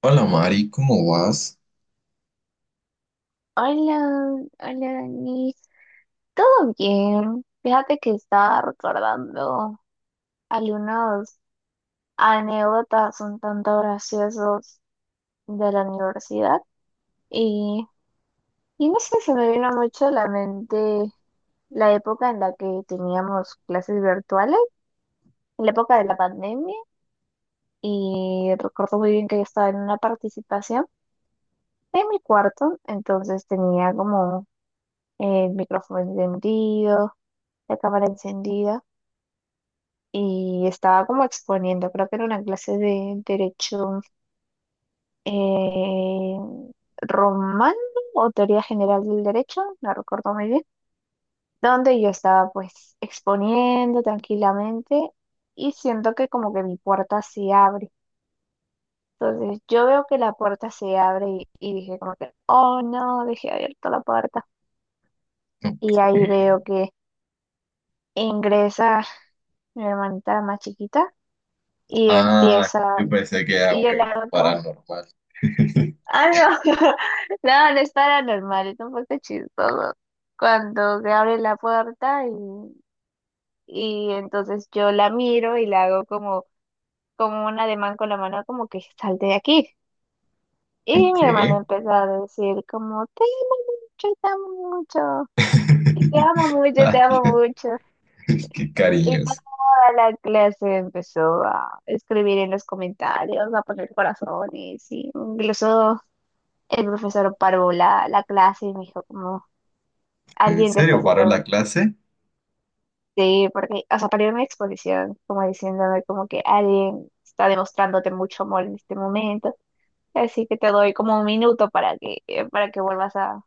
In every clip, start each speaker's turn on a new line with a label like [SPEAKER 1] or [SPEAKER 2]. [SPEAKER 1] Hola Mari, ¿cómo vas?
[SPEAKER 2] Hola, hola Dani. ¿Todo bien? Fíjate que estaba recordando algunas anécdotas un tanto graciosas de la universidad y, y no sé, se me vino mucho a la mente la época en la que teníamos clases virtuales, la época de la pandemia y recuerdo muy bien que yo estaba en una participación en mi cuarto, entonces tenía como el micrófono encendido, la cámara encendida. Y estaba como exponiendo, creo que era una clase de derecho eh, romano o teoría general del derecho, no recuerdo muy bien, donde yo estaba pues exponiendo tranquilamente y siento que como que mi puerta se abre. Entonces yo veo que la puerta se abre y dije como que, oh no, dejé abierta la puerta.
[SPEAKER 1] Ok.
[SPEAKER 2] Y ahí veo que ingresa mi hermanita la más chiquita y
[SPEAKER 1] Ah,
[SPEAKER 2] empieza,
[SPEAKER 1] yo pensé que era
[SPEAKER 2] y
[SPEAKER 1] un
[SPEAKER 2] yo le
[SPEAKER 1] evento
[SPEAKER 2] hago como.
[SPEAKER 1] paranormal.
[SPEAKER 2] Ah, no. No, no es paranormal, es un poco chistoso. Cuando se abre la puerta y entonces yo la miro y la hago como un ademán con la mano, como que salte de aquí. Y
[SPEAKER 1] Ok.
[SPEAKER 2] mi hermana empezó a decir como, te amo mucho, y te amo mucho, te
[SPEAKER 1] Ay,
[SPEAKER 2] amo
[SPEAKER 1] Dios,
[SPEAKER 2] mucho.
[SPEAKER 1] qué
[SPEAKER 2] Y toda
[SPEAKER 1] cariños.
[SPEAKER 2] la clase empezó a escribir en los comentarios, a poner corazones, y incluso el profesor paró la clase y me dijo como.
[SPEAKER 1] ¿En
[SPEAKER 2] Alguien te está
[SPEAKER 1] serio paró
[SPEAKER 2] haciendo una.
[SPEAKER 1] la clase?
[SPEAKER 2] Sí, porque, o sea, para una exposición, como diciéndome como que alguien está demostrándote mucho amor en este momento, así que te doy como un minuto para que vuelvas a,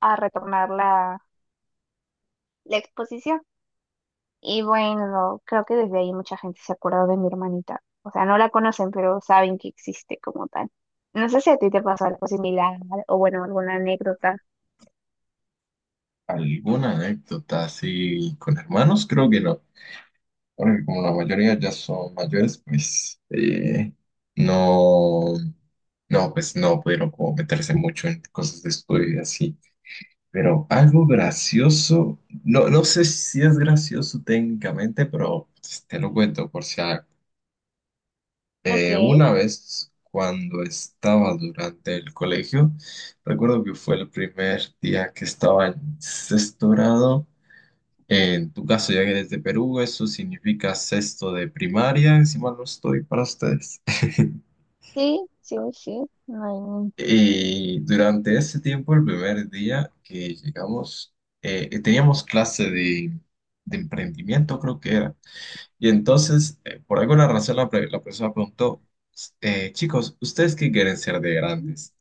[SPEAKER 2] a retornar la exposición. Y bueno, creo que desde ahí mucha gente se acuerda de mi hermanita. O sea, no la conocen, pero saben que existe como tal. No sé si a ti te pasó algo similar o bueno, alguna anécdota.
[SPEAKER 1] ¿Alguna anécdota así con hermanos? Creo que no. Porque como la mayoría ya son mayores, pues no, no, pues no pudieron como meterse mucho en cosas de estudio y así. Pero algo gracioso, no, no sé si es gracioso técnicamente, pero te lo cuento por si a-
[SPEAKER 2] Ok,
[SPEAKER 1] una vez cuando estaba durante el colegio, recuerdo que fue el primer día que estaba en sexto grado. En tu caso, ya que eres de Perú, eso significa sexto de primaria, si mal no estoy para ustedes.
[SPEAKER 2] sí, sí, sí. No hay... ningún-
[SPEAKER 1] Y durante ese tiempo, el primer día que llegamos, teníamos de emprendimiento, creo que era. Y entonces, por alguna razón, la profesora preguntó, chicos, ¿ustedes qué quieren ser de grandes?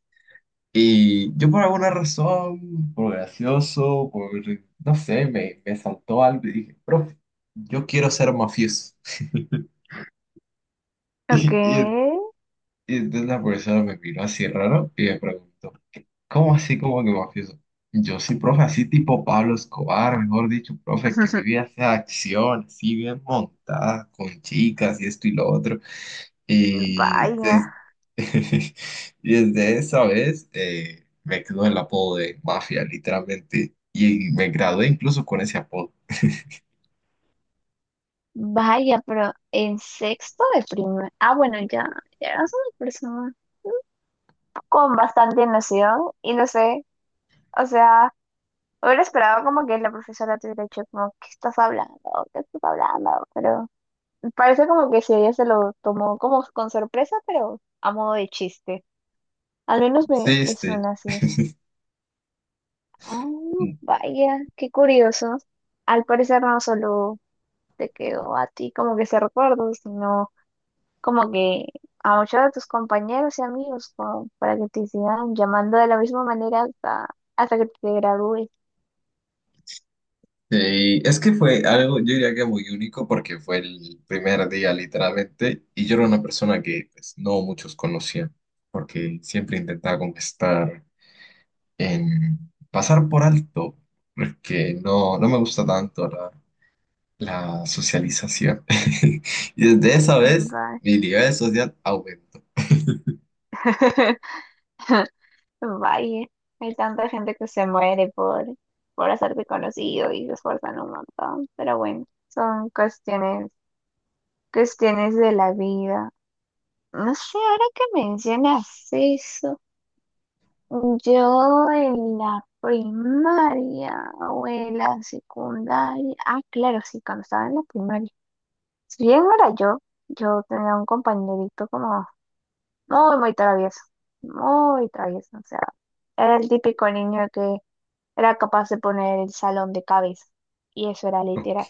[SPEAKER 1] Y yo por alguna razón, por gracioso, por, no sé, me saltó algo y dije, profe, yo quiero ser mafioso.
[SPEAKER 2] Ok.
[SPEAKER 1] Y, y, y entonces la profesora me miró así raro y me preguntó. ¿Cómo así como que mafioso? Yo sí, profe, así tipo Pablo Escobar, mejor dicho, profe, que mi vida sea acción, así bien montada, con chicas y esto y lo otro. Y
[SPEAKER 2] Vaya,
[SPEAKER 1] des- y desde esa vez me quedó el apodo de mafia, literalmente. Y me gradué incluso con ese apodo.
[SPEAKER 2] vaya, pero en sexto de primaria. Ah, bueno, ya, ya eras una persona con bastante noción y no sé, o sea, hubiera esperado como que la profesora te hubiera dicho como, ¿qué estás hablando? ¿Qué estás hablando? Pero parece como que si ella se lo tomó como con sorpresa, pero a modo de chiste. Al menos me,
[SPEAKER 1] Sí,
[SPEAKER 2] me
[SPEAKER 1] sí.
[SPEAKER 2] suena así. Ah, vaya, qué curioso. Al parecer no solo te quedó a ti como que ese recuerdo, sino como que a muchos de tus compañeros y amigos, como para que te sigan llamando de la misma manera hasta que te gradúes.
[SPEAKER 1] Sí, es que fue algo, yo diría que muy único porque fue el primer día literalmente y yo era una persona que pues, no muchos conocían porque siempre intentaba conquistar en pasar por alto porque no, no me gusta tanto la socialización y desde esa
[SPEAKER 2] Mm,
[SPEAKER 1] vez
[SPEAKER 2] va-
[SPEAKER 1] mi nivel social aumentó.
[SPEAKER 2] Vaya, hay tanta gente que se muere por hacerte conocido y se esfuerzan un montón, pero bueno, son cuestiones, cuestiones de la vida. No sé, ahora que mencionas eso. Yo en la primaria o en la secundaria, ah, claro, sí, cuando estaba en la primaria. Si bien no era yo, yo tenía un compañerito como muy, muy travieso, o sea, era el típico niño que era capaz de poner el salón de cabeza, y eso era
[SPEAKER 1] Ok.
[SPEAKER 2] literal.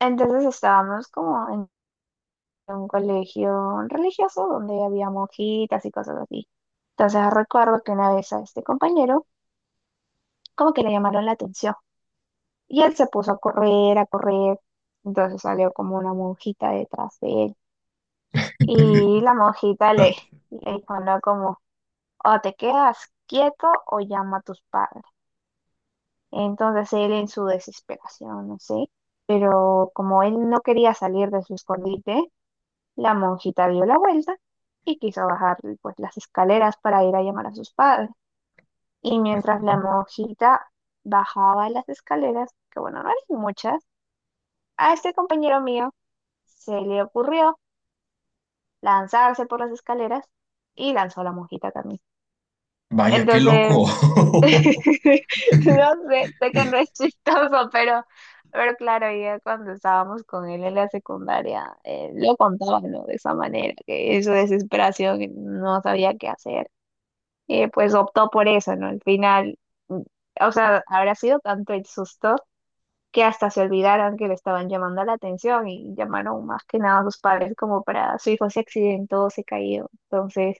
[SPEAKER 2] Entonces estábamos como en un colegio religioso donde había monjitas y cosas así. Entonces recuerdo que una vez a este compañero como que le llamaron la atención. Y él se puso a correr, a correr. Entonces salió como una monjita detrás de él. Y la monjita le dijo, no, como, o te quedas quieto o llama a tus padres. Entonces él en su desesperación, no sé, pero como él no quería salir de su escondite, la monjita dio la vuelta y quiso bajar pues las escaleras para ir a llamar a sus padres. Y mientras la monjita bajaba las escaleras, que bueno, no eran muchas, a este compañero mío se le ocurrió lanzarse por las escaleras y lanzó la mojita también.
[SPEAKER 1] Vaya, qué loco.
[SPEAKER 2] Entonces, no sé, sé que no es chistoso, pero claro, ya cuando estábamos con él en la secundaria, lo contaba, ¿no? De esa manera, que en su desesperación no sabía qué hacer. Y pues optó por eso, ¿no? Al final, mm, o sea, habrá sido tanto el susto que hasta se olvidaron que le estaban llamando la atención y llamaron más que nada a sus padres como para su hijo se accidentó, se cayó. Entonces,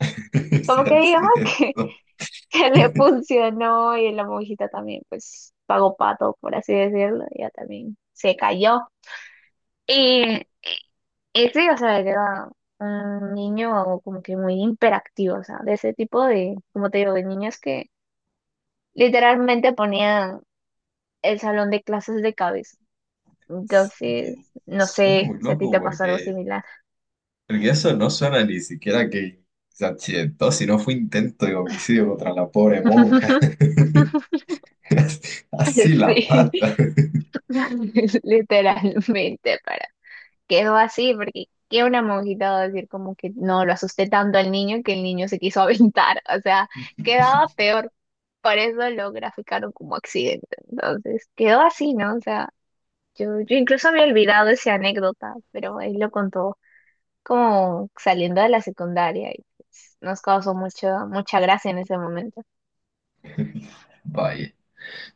[SPEAKER 1] Sí,
[SPEAKER 2] como que digamos
[SPEAKER 1] así es.
[SPEAKER 2] que,
[SPEAKER 1] Cierto.
[SPEAKER 2] que le funcionó y la monjita también pues pagó pato, por así decirlo, ella también se cayó. Y, y sí, o sea, era un niño como que muy hiperactivo, o sea, de ese tipo de, como te digo, de niños que literalmente ponían el salón de clases de cabeza. Entonces,
[SPEAKER 1] Sí,
[SPEAKER 2] no
[SPEAKER 1] suena
[SPEAKER 2] sé
[SPEAKER 1] muy
[SPEAKER 2] si a ti
[SPEAKER 1] loco
[SPEAKER 2] te pasó algo
[SPEAKER 1] porque,
[SPEAKER 2] similar.
[SPEAKER 1] porque eso no suena ni siquiera que se accidentó, sino fue intento de homicidio contra la pobre monja. Así la
[SPEAKER 2] Sí,
[SPEAKER 1] mata.
[SPEAKER 2] literalmente, para. Quedó así, porque qué una monjita va a decir como que no, lo asusté tanto al niño que el niño se quiso aventar. O sea, quedaba peor. Por eso lo graficaron como accidente. Entonces, quedó así, ¿no? O sea, yo incluso había olvidado esa anécdota, pero él lo contó como saliendo de la secundaria y pues, nos causó mucho, mucha gracia en ese momento.
[SPEAKER 1] Vaya,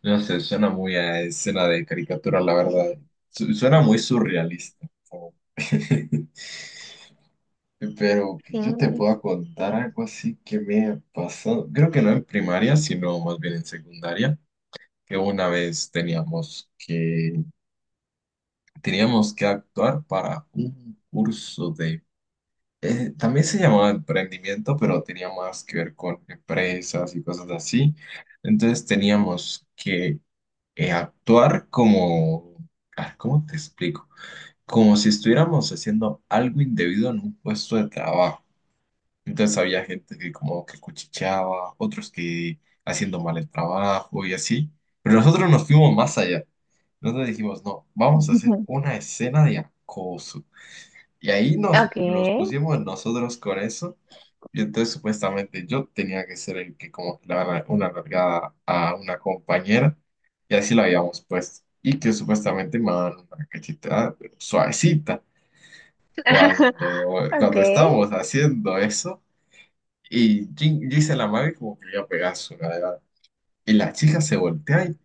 [SPEAKER 1] no sé, suena muy a escena de caricatura, la verdad. Suena muy surrealista. Como pero que yo te
[SPEAKER 2] Sí.
[SPEAKER 1] pueda contar algo así que me ha pasado. Creo que no en primaria, sino más bien en secundaria, que una vez teníamos que actuar para un curso de… también se llamaba emprendimiento, pero tenía más que ver con empresas y cosas así. Entonces teníamos que actuar como… ah, ¿cómo te explico? Como si estuviéramos haciendo algo indebido en un puesto de trabajo. Entonces había gente que como que cuchicheaba, otros que haciendo mal el trabajo y así. Pero nosotros nos fuimos más allá. Nosotros dijimos, no, vamos a hacer una escena de acoso. Y ahí nos
[SPEAKER 2] Okay.
[SPEAKER 1] pusimos nosotros con eso. Y entonces supuestamente yo tenía que ser el que como que le daba una largada a una compañera. Y así lo habíamos puesto. Y que supuestamente me daban una cachetada pero suavecita. Cuando
[SPEAKER 2] Okay.
[SPEAKER 1] estábamos haciendo eso. Y dice la madre como que le iba a pegar su nalgada. Y la chica se voltea y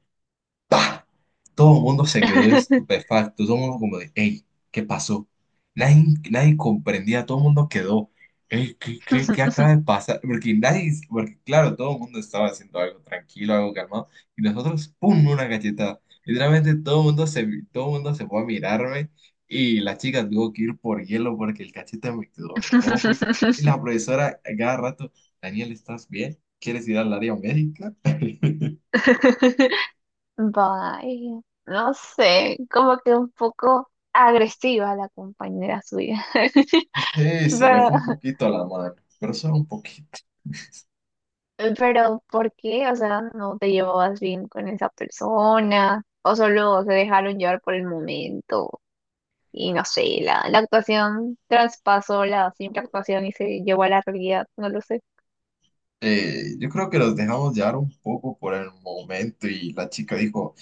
[SPEAKER 1] ¡pah! Todo el mundo se quedó estupefacto, todo el mundo como de, hey, ¿qué pasó? Nadie, nadie comprendía, todo el mundo quedó, hey, qué acaba de pasar? Porque nadie, porque claro, todo el mundo estaba haciendo algo tranquilo, algo calmado, y nosotros, ¡pum!, una galletada. Literalmente todo el mundo se fue a mirarme y la chica tuvo que ir por hielo porque el cachete me quedó rojo y la profesora a cada rato, Daniel, ¿estás bien? ¿Quieres ir al área médica?
[SPEAKER 2] Bye. No sé, como que un poco agresiva la compañera suya.
[SPEAKER 1] Sí, se le
[SPEAKER 2] Pero,
[SPEAKER 1] fue un poquito la mano, pero solo un poquito.
[SPEAKER 2] pero, ¿por qué? O sea, ¿no te llevabas bien con esa persona? ¿O solo se dejaron llevar por el momento? Y no sé, la actuación traspasó la simple actuación y se llevó a la realidad, no lo sé.
[SPEAKER 1] Yo creo que los dejamos llevar un poco por el momento y la chica dijo,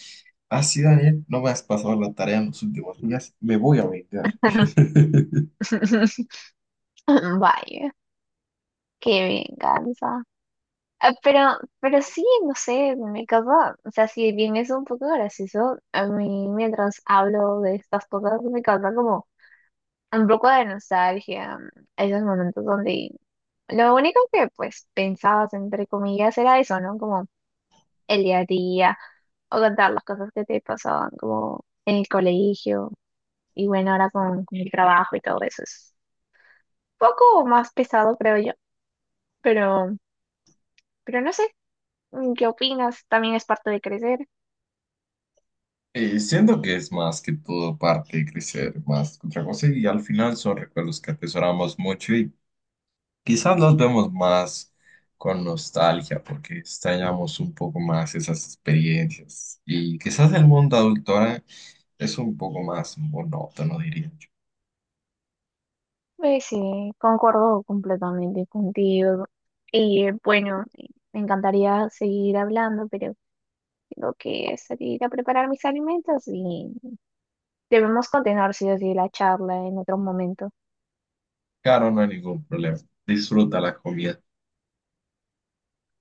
[SPEAKER 1] ah, sí, Daniel, no me has pasado la tarea en los últimos días, me voy a vengar.
[SPEAKER 2] Vaya, qué venganza. Ah, pero, sí, no sé, me causa, o sea, si bien es un poco gracioso, a mí mientras hablo de estas cosas me causa como un poco de nostalgia, esos momentos donde lo único que pues pensabas entre comillas era eso, ¿no? Como el día a día o contar las cosas que te pasaban como en el colegio. Y bueno, ahora con el trabajo y todo eso es un poco más pesado, creo yo. Pero, pero, no sé, ¿qué opinas? También es parte de crecer.
[SPEAKER 1] Siento que es más que todo parte de crecer, más que otra cosa, y al final son recuerdos que atesoramos mucho y quizás los vemos más con nostalgia porque extrañamos un poco más esas experiencias y quizás el mundo adulto ahora es un poco más monótono, diría yo.
[SPEAKER 2] Pues sí, concuerdo completamente contigo. Y bueno, me encantaría seguir hablando, pero tengo que salir a preparar mis alimentos y debemos continuar, sí o sí, la charla en otro momento.
[SPEAKER 1] Claro, no hay ningún problema. Disfruta la comida.